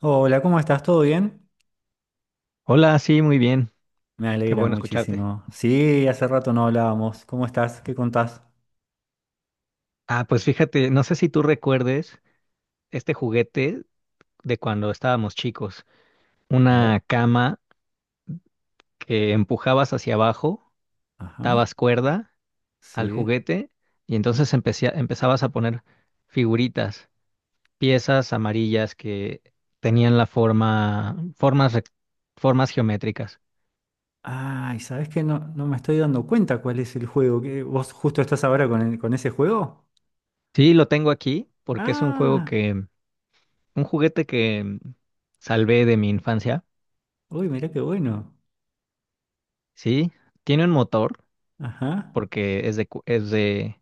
Hola, ¿cómo estás? ¿Todo bien? Hola, sí, muy bien. Me Qué alegra bueno escucharte. muchísimo. Sí, hace rato no hablábamos. ¿Cómo estás? ¿Qué contás? Ah, pues fíjate, no sé si tú recuerdes este juguete de cuando estábamos chicos. A ver. Una cama que empujabas hacia abajo, Ajá. dabas cuerda al Sí. juguete y entonces empezabas a poner figuritas, piezas amarillas que tenían la formas, formas geométricas. Ay, ¿sabés qué? No, no me estoy dando cuenta cuál es el juego. ¿Vos justo estás ahora con ese juego? Sí, lo tengo aquí porque es un juego Ah, que, un juguete que salvé de mi infancia. uy, mirá qué bueno. Sí, tiene un motor Ajá. porque es de, es de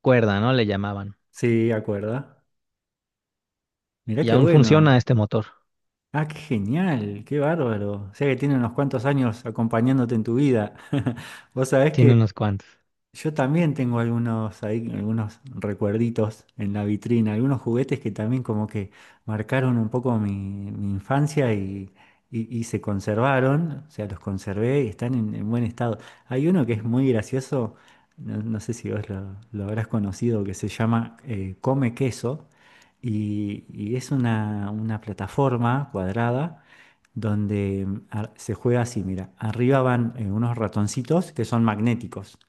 cuerda, ¿no? Le llamaban. Sí, acuerda. Mirá Y qué aún bueno. funciona este motor. Ah, qué genial, qué bárbaro. O sea que tiene unos cuantos años acompañándote en tu vida. Vos sabés Tiene que, unos cuantos. yo también tengo algunos ahí, algunos recuerditos en la vitrina, algunos juguetes que también como que marcaron un poco mi infancia y se conservaron, o sea, los conservé y están en buen estado. Hay uno que es muy gracioso, no, no sé si vos lo habrás conocido, que se llama Come Queso y es una plataforma cuadrada donde se juega así, mira, arriba van unos ratoncitos que son magnéticos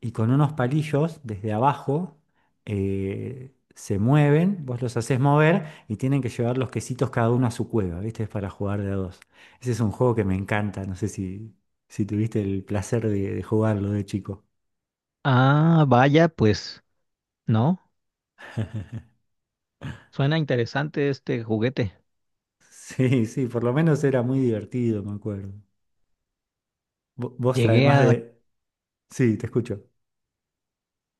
y con unos palillos desde abajo se mueven, vos los haces mover y tienen que llevar los quesitos cada uno a su cueva, ¿viste? Es para jugar de a dos. Ese es un juego que me encanta, no sé si tuviste el placer de jugarlo de chico. Ah, vaya, pues, ¿no? Suena interesante este juguete. Sí, sí, por lo menos era muy divertido, me acuerdo. Vos Llegué además a, de. Sí, te escucho.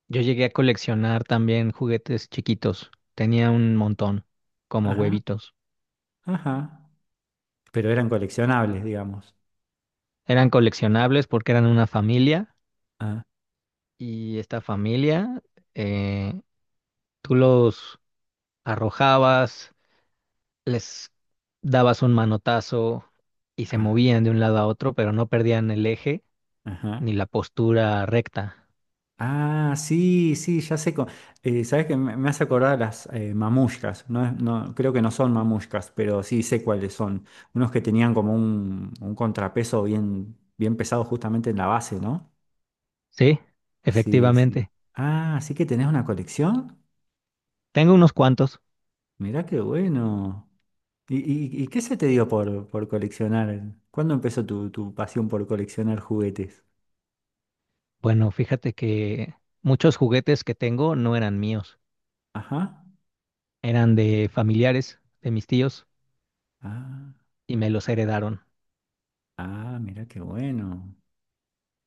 yo llegué a coleccionar también juguetes chiquitos. Tenía un montón, como Ajá, huevitos. ajá. Pero eran coleccionables, digamos. Eran coleccionables porque eran una familia Ah, y esta familia, eh, tú los arrojabas, les dabas un manotazo y se ah, movían de un lado a otro, pero no perdían el eje ni ajá. la postura recta. Ah, sí, sí, ya sé. Sabes que me hace acordar las mamushkas. No, no, creo que no son mamushkas, pero sí sé cuáles son. Unos que tenían como un contrapeso bien, bien pesado justamente en la base, ¿no? Sí, Sí, sí. efectivamente. Ah, sí que tenés una colección. Tengo unos cuantos. Mirá qué bueno. ¿Y qué se te dio por coleccionar? ¿Cuándo empezó tu pasión por coleccionar juguetes? Bueno, fíjate que muchos juguetes que tengo no eran míos, Ajá. eran de familiares, de mis tíos, Ah, y me los heredaron. ah, mirá qué bueno.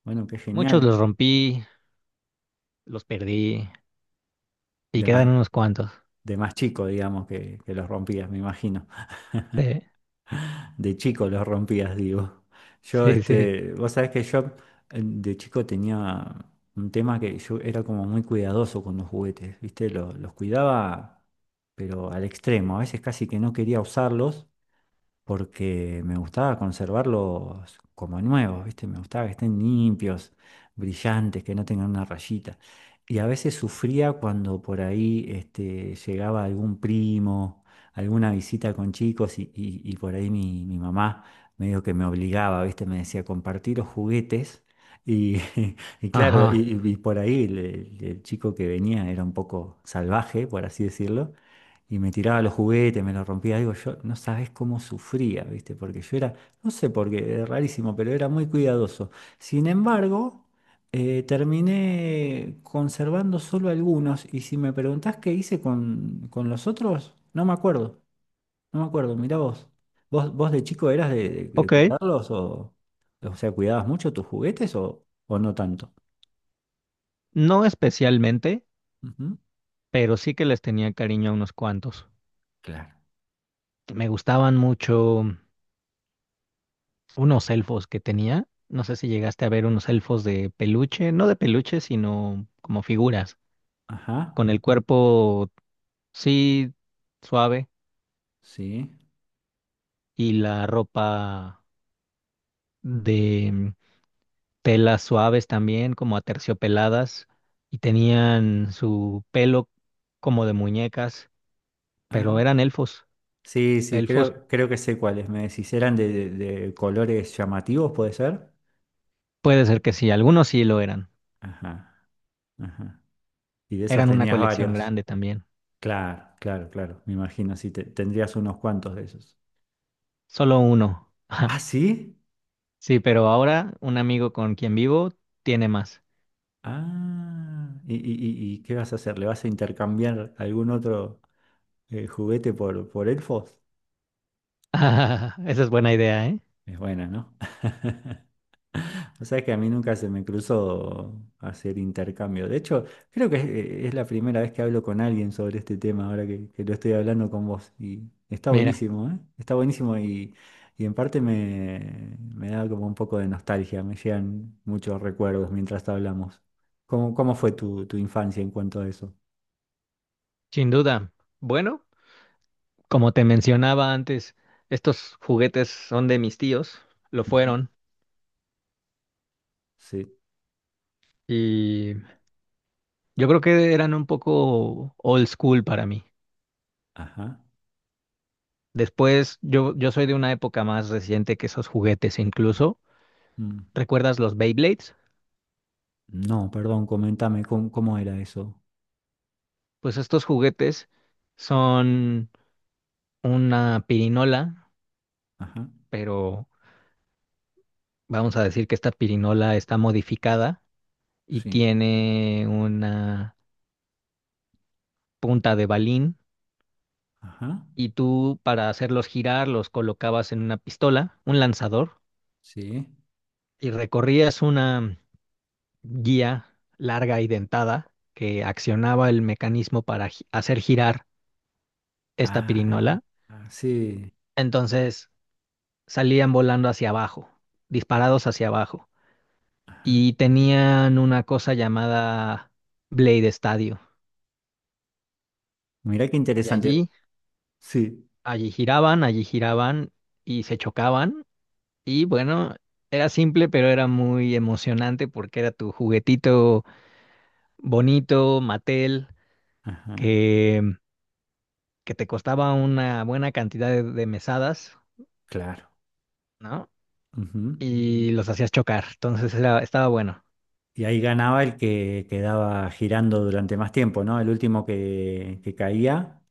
Bueno, qué Muchos los genial. rompí, los perdí, y quedan Dema- unos cuantos. de más chico, digamos, que los rompías, me imagino. Sí, De chico los rompías, digo. Yo, sí, sí. este, vos sabés que yo de chico tenía un tema que yo era como muy cuidadoso con los juguetes, ¿viste? Los cuidaba, pero al extremo. A veces casi que no quería usarlos porque me gustaba conservarlos como nuevos, ¿viste? Me gustaba que estén limpios, brillantes, que no tengan una rayita. Y a veces sufría cuando por ahí este, llegaba algún primo, alguna visita con chicos y por ahí mi mamá medio que me obligaba, ¿viste? Me decía, compartir los juguetes. Y, y claro, Ajá. y por ahí el chico que venía era un poco salvaje, por así decirlo, y me tiraba los juguetes, me los rompía, digo, yo no sabes cómo sufría, ¿viste? Porque yo era, no sé por qué, es rarísimo, pero era muy cuidadoso. Sin embargo, terminé conservando solo algunos, y si me preguntás qué hice con los otros, no me acuerdo, no me acuerdo, mirá vos. ¿Vos de chico eras de Ok, cuidarlos o sea, cuidabas mucho tus juguetes o no tanto? no especialmente, Ujú. pero sí que les tenía cariño a unos cuantos. Claro. Me gustaban mucho unos elfos que tenía. No sé si llegaste a ver unos elfos de peluche, no de peluche, sino como figuras, Ajá, con el cuerpo, sí, suave, sí. y la ropa de telas suaves también, como aterciopeladas, y tenían su pelo como de muñecas, pero Ah. eran elfos. Sí, sí, Elfos, creo, creo que sé cuáles. Me decís, eran de colores llamativos, ¿puede ser? puede ser que sí, algunos sí lo eran. Ajá, ajá. Y de esos Eran una tenías colección varios. grande también. Claro, claro, claro. Me imagino, sí, tendrías unos cuantos de esos. Solo uno. ¿Ah, sí? Sí, pero ahora un amigo con quien vivo tiene más. Ah, ¿y qué vas a hacer? ¿Le vas a intercambiar algún otro juguete por elfos? Ah, esa es buena idea, ¿eh? Es buena, ¿no? O sea que a mí nunca se me cruzó hacer intercambio. De hecho, creo que es la primera vez que hablo con alguien sobre este tema, ahora que lo estoy hablando con vos. Y está Mira, buenísimo, ¿eh? Está buenísimo y en parte me da como un poco de nostalgia, me llegan muchos recuerdos mientras hablamos. ¿Cómo fue tu infancia en cuanto a eso? sin duda. Bueno, como te mencionaba antes, estos juguetes son de mis tíos, lo Ujú. fueron, Sí, y yo creo que eran un poco old school para mí. ajá. Después, yo soy de una época más reciente que esos juguetes incluso. Mm. ¿Recuerdas los Beyblades? No, perdón, comentame cómo era eso. Pues estos juguetes son una pirinola, Ajá, pero vamos a decir que esta pirinola está modificada y sí, tiene una punta de balín ajá, y tú para hacerlos girar los colocabas en una pistola, un lanzador, sí. y recorrías una guía larga y dentada que accionaba el mecanismo para hacer girar esta Ah, pirinola. ah, sí. Entonces salían volando hacia abajo, disparados hacia abajo, Ajá. y tenían una cosa llamada Blade Stadio. Mira qué Y interesante. allí Sí. Allí giraban y se chocaban. Y bueno, era simple, pero era muy emocionante porque era tu juguetito bonito, Mattel, Ajá. que, que te costaba una buena cantidad de mesadas, Claro. ¿no? Ujú. Y los hacías chocar. Entonces era, estaba bueno. Y ahí ganaba el que quedaba girando durante más tiempo, ¿no? El último que caía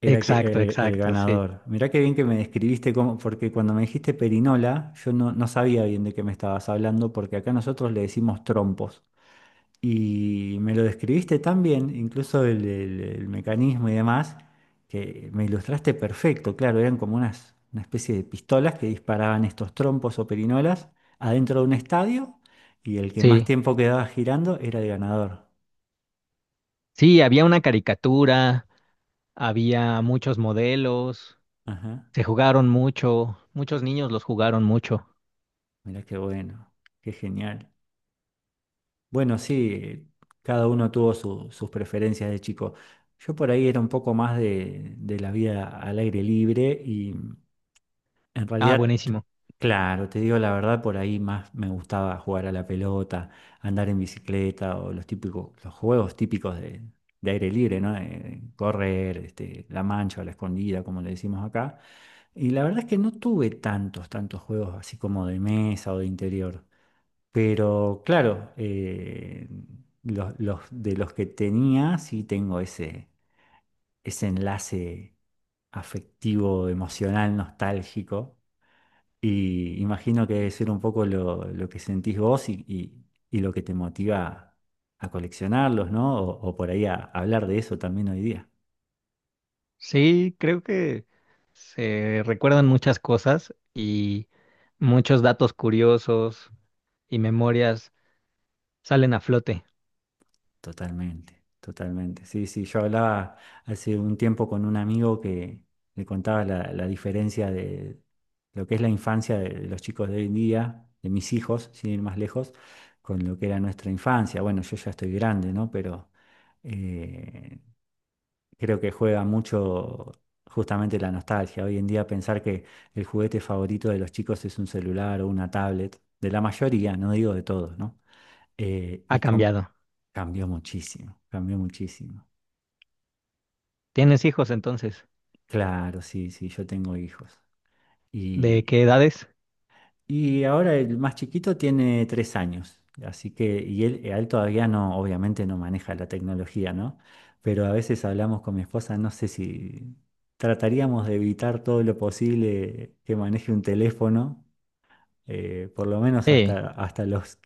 era el, que- Exacto, el- el exacto, sí. ganador. Mirá qué bien que me describiste, porque cuando me dijiste perinola, yo no sabía bien de qué me estabas hablando, porque acá nosotros le decimos trompos. Y me lo describiste tan bien, incluso el mecanismo y demás, que me ilustraste perfecto. Claro, eran como una especie de pistolas que disparaban estos trompos o perinolas adentro de un estadio y el que más Sí, tiempo quedaba girando era el ganador. sí, había una caricatura, había muchos modelos, Ajá, se jugaron mucho, muchos niños los jugaron mucho. mirá qué bueno, qué genial. Bueno, sí, cada uno tuvo sus preferencias de chico. Yo por ahí era un poco más de la vida al aire libre. En Ah, realidad, buenísimo. claro, te digo la verdad, por ahí más me gustaba jugar a la pelota, andar en bicicleta o los típicos, los juegos típicos de aire libre, ¿no? Correr, este, la mancha o la escondida, como le decimos acá. Y la verdad es que no tuve tantos, tantos juegos así como de mesa o de interior. Pero claro, de los que tenía, sí tengo ese enlace afectivo, emocional, nostálgico y imagino que debe ser un poco lo que sentís vos y lo que te motiva a coleccionarlos, ¿no? O por ahí a hablar de eso también hoy día. Sí, creo que se recuerdan muchas cosas y muchos datos curiosos y memorias salen a flote. Totalmente, totalmente. Sí, sí, yo hablaba hace un tiempo con un amigo que le contaba la diferencia de lo que es la infancia de los chicos de hoy en día, de mis hijos, sin ir más lejos, con lo que era nuestra infancia. Bueno, yo ya estoy grande, ¿no? Pero eh, creo que juega mucho justamente la nostalgia. Hoy en día pensar que el juguete favorito de los chicos es un celular o una tablet, de la mayoría, no digo de todos, ¿no? Eh, Ha y com- cambiado. cambió muchísimo, cambió muchísimo. ¿Tienes hijos entonces? Claro, sí, sí, yo tengo hijos. ¿De Y, qué edades? y ahora el más chiquito tiene 3 años, así que, y él, a él todavía no, obviamente no maneja la tecnología, ¿no? Pero a veces hablamos con mi esposa, no sé si trataríamos de evitar todo lo posible que maneje un teléfono por lo menos Sí, hasta los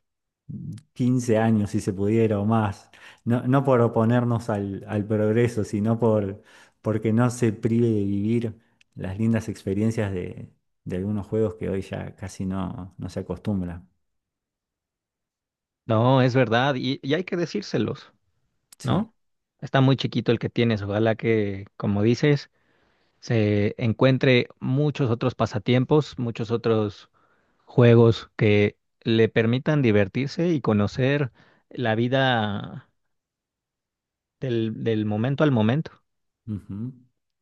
15 años, si se pudiera o más, no, no por oponernos al progreso, sino porque no se prive de vivir las lindas experiencias de algunos juegos que hoy ya casi no se acostumbra. no, es verdad y hay que decírselos, Sí, ¿no? Está muy chiquito el que tienes. Ojalá que, como dices, se encuentre muchos otros pasatiempos, muchos otros juegos que le permitan divertirse y conocer la vida del, del momento al momento. ujú.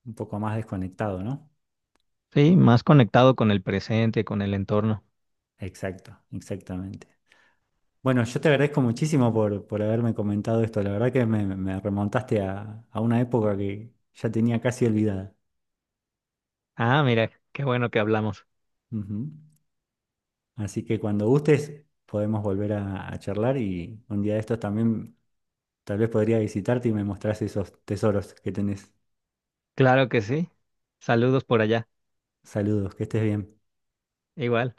Un poco más desconectado, ¿no? Sí, más conectado con el presente, con el entorno. Exacto, exactamente. Bueno, yo te agradezco muchísimo por haberme comentado esto. La verdad que me remontaste a una época que ya tenía casi olvidada. Ah, mira, qué bueno que hablamos. Ujú. Así que cuando gustes podemos volver a charlar y un día de estos también tal vez podría visitarte y me mostrás esos tesoros que tenés. Claro que sí. Saludos por allá. Saludos, que estés bien. Igual.